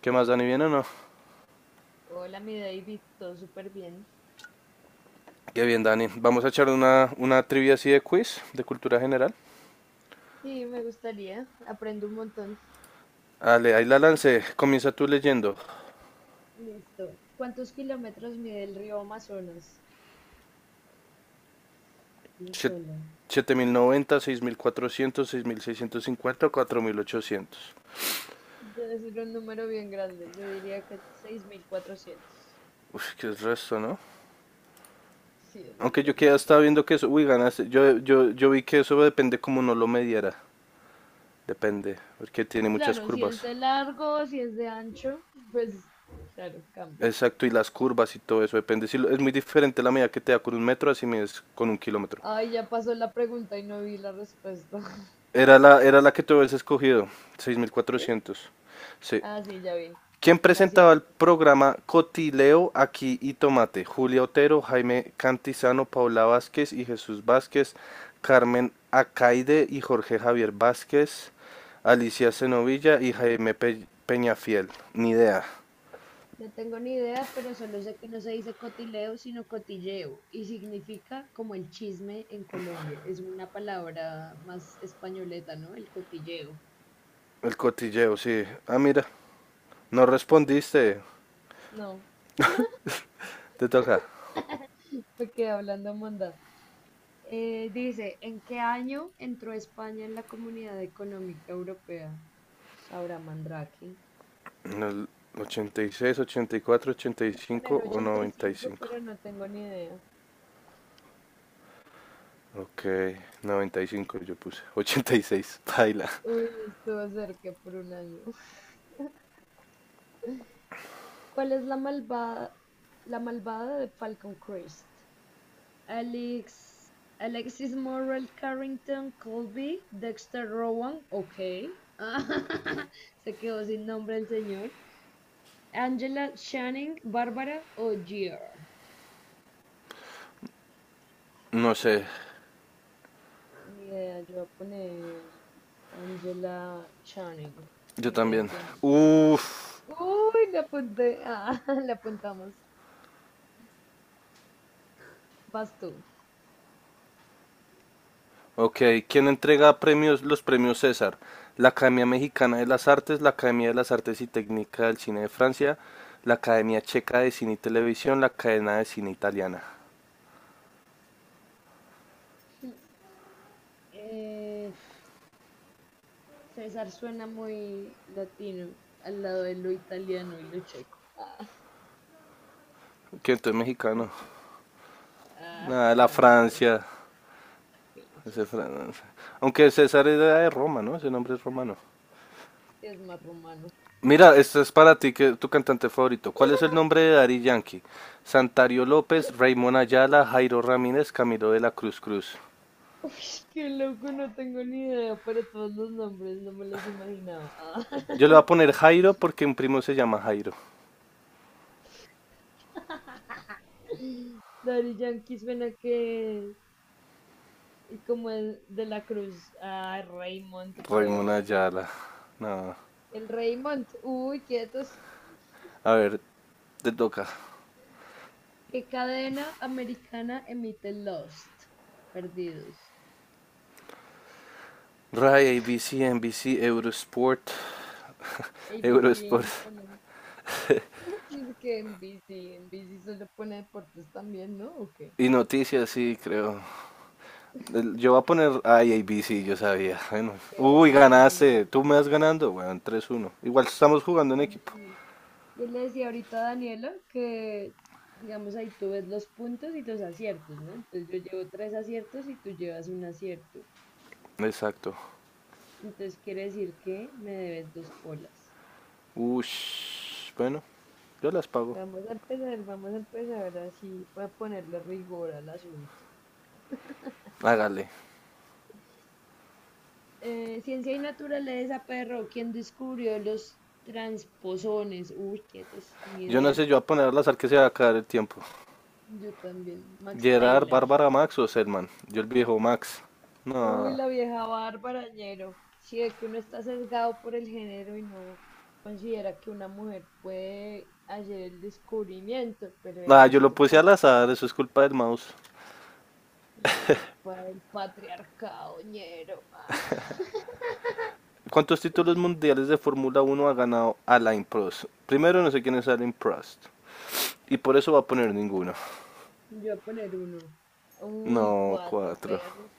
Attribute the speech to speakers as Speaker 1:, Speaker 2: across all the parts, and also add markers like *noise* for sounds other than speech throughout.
Speaker 1: ¿Qué más, Dani? ¿Bien o no?
Speaker 2: Hola, mi David, todo súper bien.
Speaker 1: Qué bien, Dani. Vamos a echar una trivia así de quiz, de cultura general.
Speaker 2: Sí, me gustaría, aprendo un montón.
Speaker 1: Dale, ahí la lancé. Comienza tú leyendo.
Speaker 2: Listo. ¿Cuántos kilómetros mide el río Amazonas? Híjole.
Speaker 1: Siete- mil noventa, seis cuatrocientos, 6.650, 4.800.
Speaker 2: Debe ser un número bien grande, yo diría que 6400.
Speaker 1: Uf, qué es resto, ¿no?
Speaker 2: Sí, debe ser
Speaker 1: Aunque yo
Speaker 2: muy
Speaker 1: que ya
Speaker 2: grande.
Speaker 1: estaba viendo que eso, uy, ganaste. Yo vi que eso depende como no lo mediara. Depende, porque tiene muchas
Speaker 2: Claro, si es
Speaker 1: curvas.
Speaker 2: de largo, si es de ancho, pues claro, cambia.
Speaker 1: Exacto, y las curvas y todo eso depende. Si lo- Es muy diferente la medida que te da con un metro, así mides con un kilómetro.
Speaker 2: Ay, ya pasó la pregunta y no vi la respuesta. *laughs*
Speaker 1: Era la que tú habías escogido, seis mil
Speaker 2: ¿Sí?
Speaker 1: cuatrocientos Sí.
Speaker 2: Ah, sí, ya vi.
Speaker 1: ¿Quién
Speaker 2: Un
Speaker 1: presentaba el
Speaker 2: acierto.
Speaker 1: programa Cotileo aquí y Tomate? Julia Otero, Jaime Cantizano, Paula Vázquez y Jesús Vázquez, Carmen Acaide y Jorge Javier Vázquez, Alicia Cenovilla y Jaime Peñafiel. Ni idea.
Speaker 2: No tengo ni idea, pero solo sé que no se dice cotileo, sino cotilleo, y significa como el chisme en Colombia. Es una palabra más españoleta, ¿no? El cotilleo.
Speaker 1: El cotilleo, sí. Ah, mira, no respondiste.
Speaker 2: No,
Speaker 1: Te toca.
Speaker 2: me quedé hablando mondad. Dice, ¿en qué año entró España en la Comunidad Económica Europea? Sabrá Mandrake.
Speaker 1: En el ochenta y seis, ochenta y cuatro, ochenta y
Speaker 2: Voy a
Speaker 1: cinco
Speaker 2: poner
Speaker 1: o
Speaker 2: ochenta y
Speaker 1: noventa y
Speaker 2: cinco,
Speaker 1: cinco.
Speaker 2: pero no tengo ni idea.
Speaker 1: Ok, 95 yo puse. Ochenta y seis, baila.
Speaker 2: Uy, estuvo cerca por un año. *laughs* ¿Cuál es la malvada de Falcon Crest? Alex, Alexis Morrell Carrington Colby, Dexter Rowan, ok. *laughs* Se quedó sin nombre el señor. Angela Channing, Bárbara O'Gear.
Speaker 1: No sé,
Speaker 2: Ni idea, yo voy a poner Angela Channing.
Speaker 1: yo
Speaker 2: Ni idea
Speaker 1: también.
Speaker 2: quién es.
Speaker 1: Uf,
Speaker 2: Uy, la apunté. Ah, *laughs* la apuntamos. Vas tú.
Speaker 1: ok. ¿Quién entrega premios, los premios César? La Academia Mexicana de las Artes, la Academia de las Artes y Técnica del Cine de Francia, la Academia Checa de Cine y Televisión, la Cadena de Cine Italiana.
Speaker 2: *laughs* Eh, César suena muy latino al lado de lo italiano y lo checo. Ah,
Speaker 1: ¿Quién entonces mexicano?
Speaker 2: así. Ah,
Speaker 1: Nada, la
Speaker 2: francés,
Speaker 1: Francia. Ese
Speaker 2: pinches.
Speaker 1: Fran- Aunque César era de Roma, ¿no? Ese nombre es romano.
Speaker 2: Es más rumano.
Speaker 1: Mira, esta es para ti, que tu cantante favorito. ¿Cuál es el nombre de Dari Yankee? Santario López, Raymond Ayala, Jairo Ramírez, Camilo de la Cruz.
Speaker 2: Qué loco, no tengo ni idea para todos los nombres, no me los imaginaba.
Speaker 1: Yo le voy a
Speaker 2: Ah.
Speaker 1: poner Jairo porque un primo se llama Jairo.
Speaker 2: *laughs* Daddy Yankee suena que. Y como el de la Cruz. Ah, Raymond,
Speaker 1: Raymond
Speaker 2: weón.
Speaker 1: Ayala. No.
Speaker 2: El Raymond, uy, quietos.
Speaker 1: A ver, te toca.
Speaker 2: ¿Qué cadena americana emite Lost? Perdidos.
Speaker 1: Rai, ABC, NBC, Eurosport. *laughs* Eurosport.
Speaker 2: ABC suena. *laughs* Dice que en NBC solo pone deportes también, ¿no? ¿O qué?
Speaker 1: Y noticias, sí, creo. Yo voy a poner ay, ABC, yo sabía. Bueno.
Speaker 2: Qué
Speaker 1: Uy,
Speaker 2: obvio,
Speaker 1: ganaste.
Speaker 2: dinero.
Speaker 1: Tú me vas ganando. Bueno, tres uno. Igual estamos jugando en
Speaker 2: Gana
Speaker 1: equipo.
Speaker 2: bien. Yo le decía ahorita a Daniela que, digamos, ahí tú ves los puntos y los aciertos, ¿no? Entonces yo llevo tres aciertos y tú llevas un acierto.
Speaker 1: Exacto.
Speaker 2: Entonces quiere decir que me debes dos polas.
Speaker 1: Ush, bueno, yo las pago.
Speaker 2: Vamos a empezar así, voy a ponerle rigor al asunto.
Speaker 1: Hágale.
Speaker 2: Ciencia y naturaleza, perro. ¿Quién descubrió los transposones? Uy, quietos, ni
Speaker 1: Yo no
Speaker 2: idea.
Speaker 1: sé, yo voy a ponerlas al que se va a acabar el tiempo.
Speaker 2: Yo también. Max
Speaker 1: Gerard,
Speaker 2: Taylor.
Speaker 1: Bárbara, Max o Selman. Yo el viejo Max.
Speaker 2: Uy,
Speaker 1: No.
Speaker 2: la vieja Bárbara Ñero. Sí, es que uno está sesgado por el género y no considera que una mujer puede hacer el descubrimiento, pero en
Speaker 1: Ah, yo lo
Speaker 2: este
Speaker 1: puse
Speaker 2: caso,
Speaker 1: al azar,
Speaker 2: mm,
Speaker 1: eso es culpa del mouse.
Speaker 2: es culpa del patriarcado Ñero. *laughs*
Speaker 1: ¿Cuántos títulos mundiales de Fórmula Uno ha ganado Alain Prost? Primero no sé quién es Alain Prost. Y por eso va a poner ninguno.
Speaker 2: Yo voy a poner uno. Uy,
Speaker 1: No,
Speaker 2: cuatro
Speaker 1: cuatro.
Speaker 2: perros.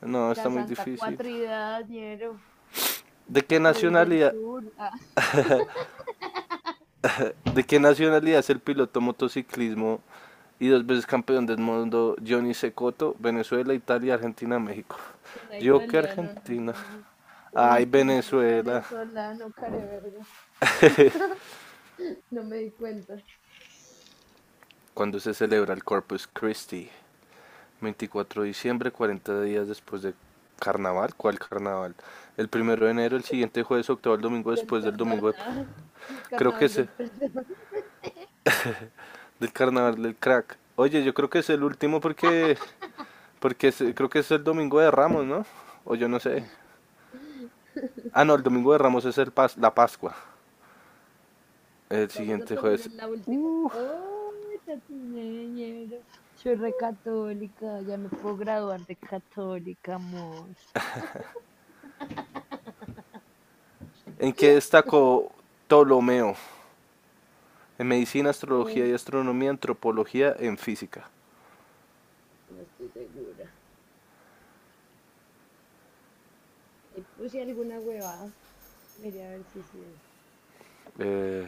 Speaker 1: No, está
Speaker 2: La
Speaker 1: muy
Speaker 2: Santa
Speaker 1: difícil.
Speaker 2: Cuatridad, Ñero.
Speaker 1: ¿De
Speaker 2: La
Speaker 1: qué
Speaker 2: Cruz del
Speaker 1: nacionalidad
Speaker 2: Sur. *laughs* Ah,
Speaker 1: ¿De qué nacionalidad es el piloto motociclismo y dos veces campeón del mundo Johnny Secoto? Venezuela, Italia, Argentina, México.
Speaker 2: suena
Speaker 1: Yo que
Speaker 2: italiano, no
Speaker 1: Argentina.
Speaker 2: suena. Uy,
Speaker 1: Ay,
Speaker 2: pinche
Speaker 1: Venezuela.
Speaker 2: venezolano, careverga. *laughs*
Speaker 1: *laughs*
Speaker 2: *laughs* No me di cuenta
Speaker 1: ¿Cuándo se celebra el Corpus Christi? 24 de diciembre, 40 días después de carnaval. ¿Cuál carnaval? El primero de enero, el siguiente jueves, octavo, el domingo
Speaker 2: del
Speaker 1: después del
Speaker 2: perdón, ah, el
Speaker 1: Creo que
Speaker 2: carnaval del perdón.
Speaker 1: del carnaval del crack. Oye, yo creo que es el último porque creo que es el domingo de Ramos, ¿no? O yo no sé. Ah, no, el domingo de
Speaker 2: *laughs*
Speaker 1: Ramos es la Pascua. El
Speaker 2: Vamos a
Speaker 1: siguiente
Speaker 2: poner
Speaker 1: jueves.
Speaker 2: en la última.
Speaker 1: Uh,
Speaker 2: Oh, tatineña, soy re católica, ya me puedo graduar de católica, amor.
Speaker 1: ¿En qué destacó Ptolomeo? En medicina, astrología
Speaker 2: Eh,
Speaker 1: y astronomía, antropología, en física.
Speaker 2: no estoy segura. Ahí puse alguna huevada. Miré a ver si sí es.
Speaker 1: Eh,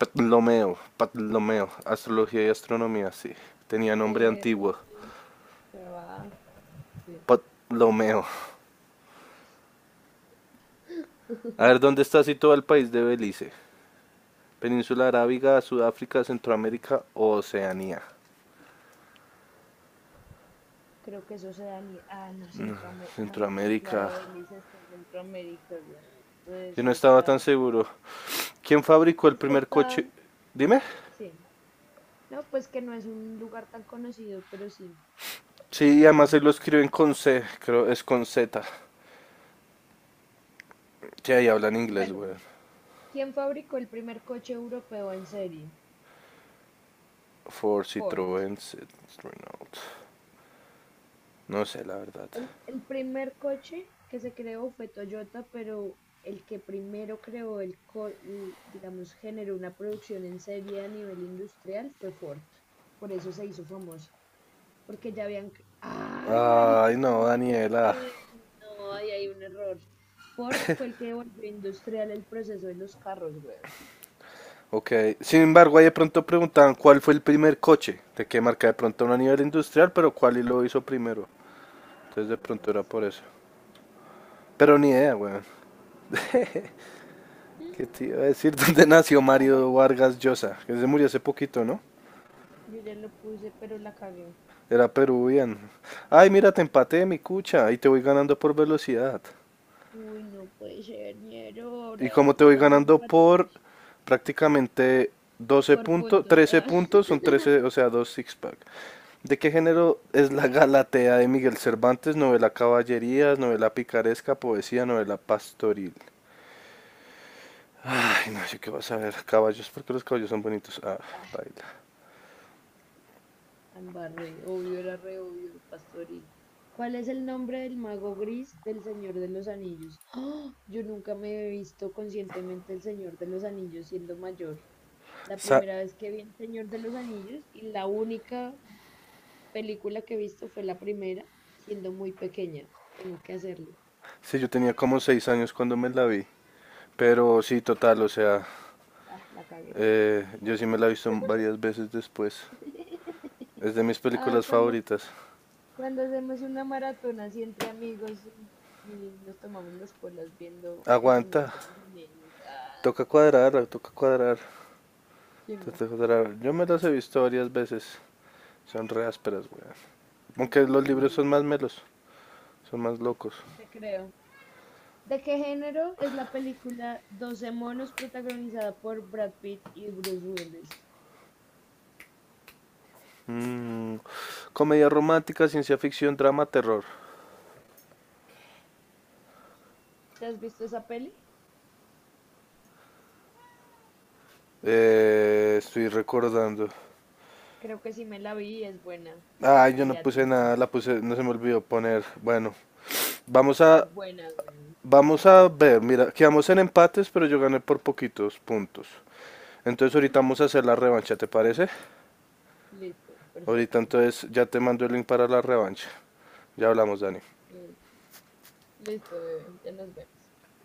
Speaker 1: Ptolomeo, Ptolomeo, astrología y astronomía, sí. Tenía nombre
Speaker 2: Eh,
Speaker 1: antiguo.
Speaker 2: Huevada, sí.
Speaker 1: Ptolomeo. A
Speaker 2: *laughs*
Speaker 1: ver, ¿dónde está situado el país de Belice? Península Arábiga, Sudáfrica, Centroamérica o Oceanía.
Speaker 2: Creo que eso se da ni. Ah, no, Centroamérica. Ah, no, sí,
Speaker 1: Centroamérica.
Speaker 2: claro, Elisa está en Centroamérica, güey. Estoy
Speaker 1: Yo no estaba tan
Speaker 2: desubicada.
Speaker 1: seguro. ¿Quién fabricó el
Speaker 2: Es que
Speaker 1: primer
Speaker 2: está,
Speaker 1: coche? Dime.
Speaker 2: sí, no, pues que no es un lugar tan conocido, pero sí. Me
Speaker 1: Sí, además
Speaker 2: cagué.
Speaker 1: se lo escriben con C, creo es con Z. Sí, ahí hablan inglés,
Speaker 2: Bueno,
Speaker 1: güey.
Speaker 2: ¿quién fabricó el primer coche europeo en serie?
Speaker 1: Ford,
Speaker 2: Ford.
Speaker 1: Citroën, Renault. No sé, la verdad.
Speaker 2: El primer coche que se creó fue Toyota, pero el que primero creó digamos, generó una producción en serie a nivel industrial fue Ford. Por eso se hizo famoso. Porque ya habían. Ay,
Speaker 1: Ay,
Speaker 2: marica, ¿cómo
Speaker 1: no,
Speaker 2: así que
Speaker 1: Daniela.
Speaker 2: Citroën? No, ahí hay un error. Ford fue el que volvió industrial el proceso de los carros, weón.
Speaker 1: Ok. Sin embargo, ahí de pronto preguntaban cuál fue el primer coche. De qué marca de pronto no a nivel industrial, pero cuál y lo hizo primero. Entonces de pronto
Speaker 2: Ah,
Speaker 1: era
Speaker 2: sí.
Speaker 1: por eso. Pero ni idea, güey. ¿Qué te iba a decir? *laughs* ¿Dónde nació
Speaker 2: Ya re-
Speaker 1: Mario Vargas Llosa? Que se murió hace poquito, ¿no?
Speaker 2: Yo ya lo puse, pero la cagué.
Speaker 1: Era peruviano. Ay, mira, te empaté, mi cucha. Y te voy ganando por velocidad.
Speaker 2: Uy, no puede ser, ñero,
Speaker 1: Y
Speaker 2: ahora
Speaker 1: como te voy
Speaker 2: estamos
Speaker 1: ganando por
Speaker 2: empatados
Speaker 1: prácticamente doce
Speaker 2: por
Speaker 1: puntos,
Speaker 2: puntos.
Speaker 1: 13
Speaker 2: Ah.
Speaker 1: puntos, son 13 o sea, dos six-pack. ¿De qué género es la Galatea de Miguel Cervantes? Novela caballerías, novela picaresca, poesía, novela pastoril. Ay, no sé qué vas a ver. Caballos, porque los caballos son bonitos. Ah,
Speaker 2: *laughs* Ah.
Speaker 1: baila.
Speaker 2: Ambarré obvio, era re obvio, pastoril. ¿Cuál es el nombre del mago gris del Señor de los Anillos? ¡Ah! Yo nunca me he visto conscientemente el Señor de los Anillos siendo mayor. La
Speaker 1: Sa-
Speaker 2: primera vez que vi el Señor de los Anillos y la única película que he visto fue la primera, siendo muy pequeña. Tengo que hacerlo.
Speaker 1: sí, yo tenía como 6 años cuando me la vi. Pero sí, total, o sea,
Speaker 2: Ah, la cagué.
Speaker 1: Yo sí me la he visto varias veces después.
Speaker 2: *laughs*
Speaker 1: Es de mis
Speaker 2: Ay,
Speaker 1: películas
Speaker 2: cuando
Speaker 1: favoritas.
Speaker 2: Cuando hacemos una maratona así entre amigos y nos tomamos las polas viendo El Señor
Speaker 1: Aguanta,
Speaker 2: de los Anillos. Ah,
Speaker 1: toca cuadrar,
Speaker 2: chimba,
Speaker 1: toca cuadrar. Yo me las he visto varias veces. Son re ásperas, weón. Aunque los libros son más melos, son más locos.
Speaker 2: te creo. ¿De qué género es la película Doce monos protagonizada por Brad Pitt y Bruce Willis?
Speaker 1: Mm, Comedia romántica, ciencia ficción, drama, terror.
Speaker 2: ¿Te has visto esa peli?
Speaker 1: Estoy recordando.
Speaker 2: Creo que sí me la vi y es buena.
Speaker 1: Ah, yo
Speaker 2: Y
Speaker 1: no
Speaker 2: le
Speaker 1: puse
Speaker 2: atiné.
Speaker 1: nada, la puse, no se me olvidó poner. Bueno, vamos a,
Speaker 2: Es buena, weón.
Speaker 1: vamos a ver. Mira, quedamos en empates, pero yo gané por poquitos puntos. Entonces ahorita vamos a hacer la revancha, ¿te parece?
Speaker 2: Listo,
Speaker 1: Ahorita
Speaker 2: perfecto.
Speaker 1: entonces ya te mando el link para la revancha. Ya hablamos, Dani.
Speaker 2: Mm. Listo, bebé. Ya nos vemos.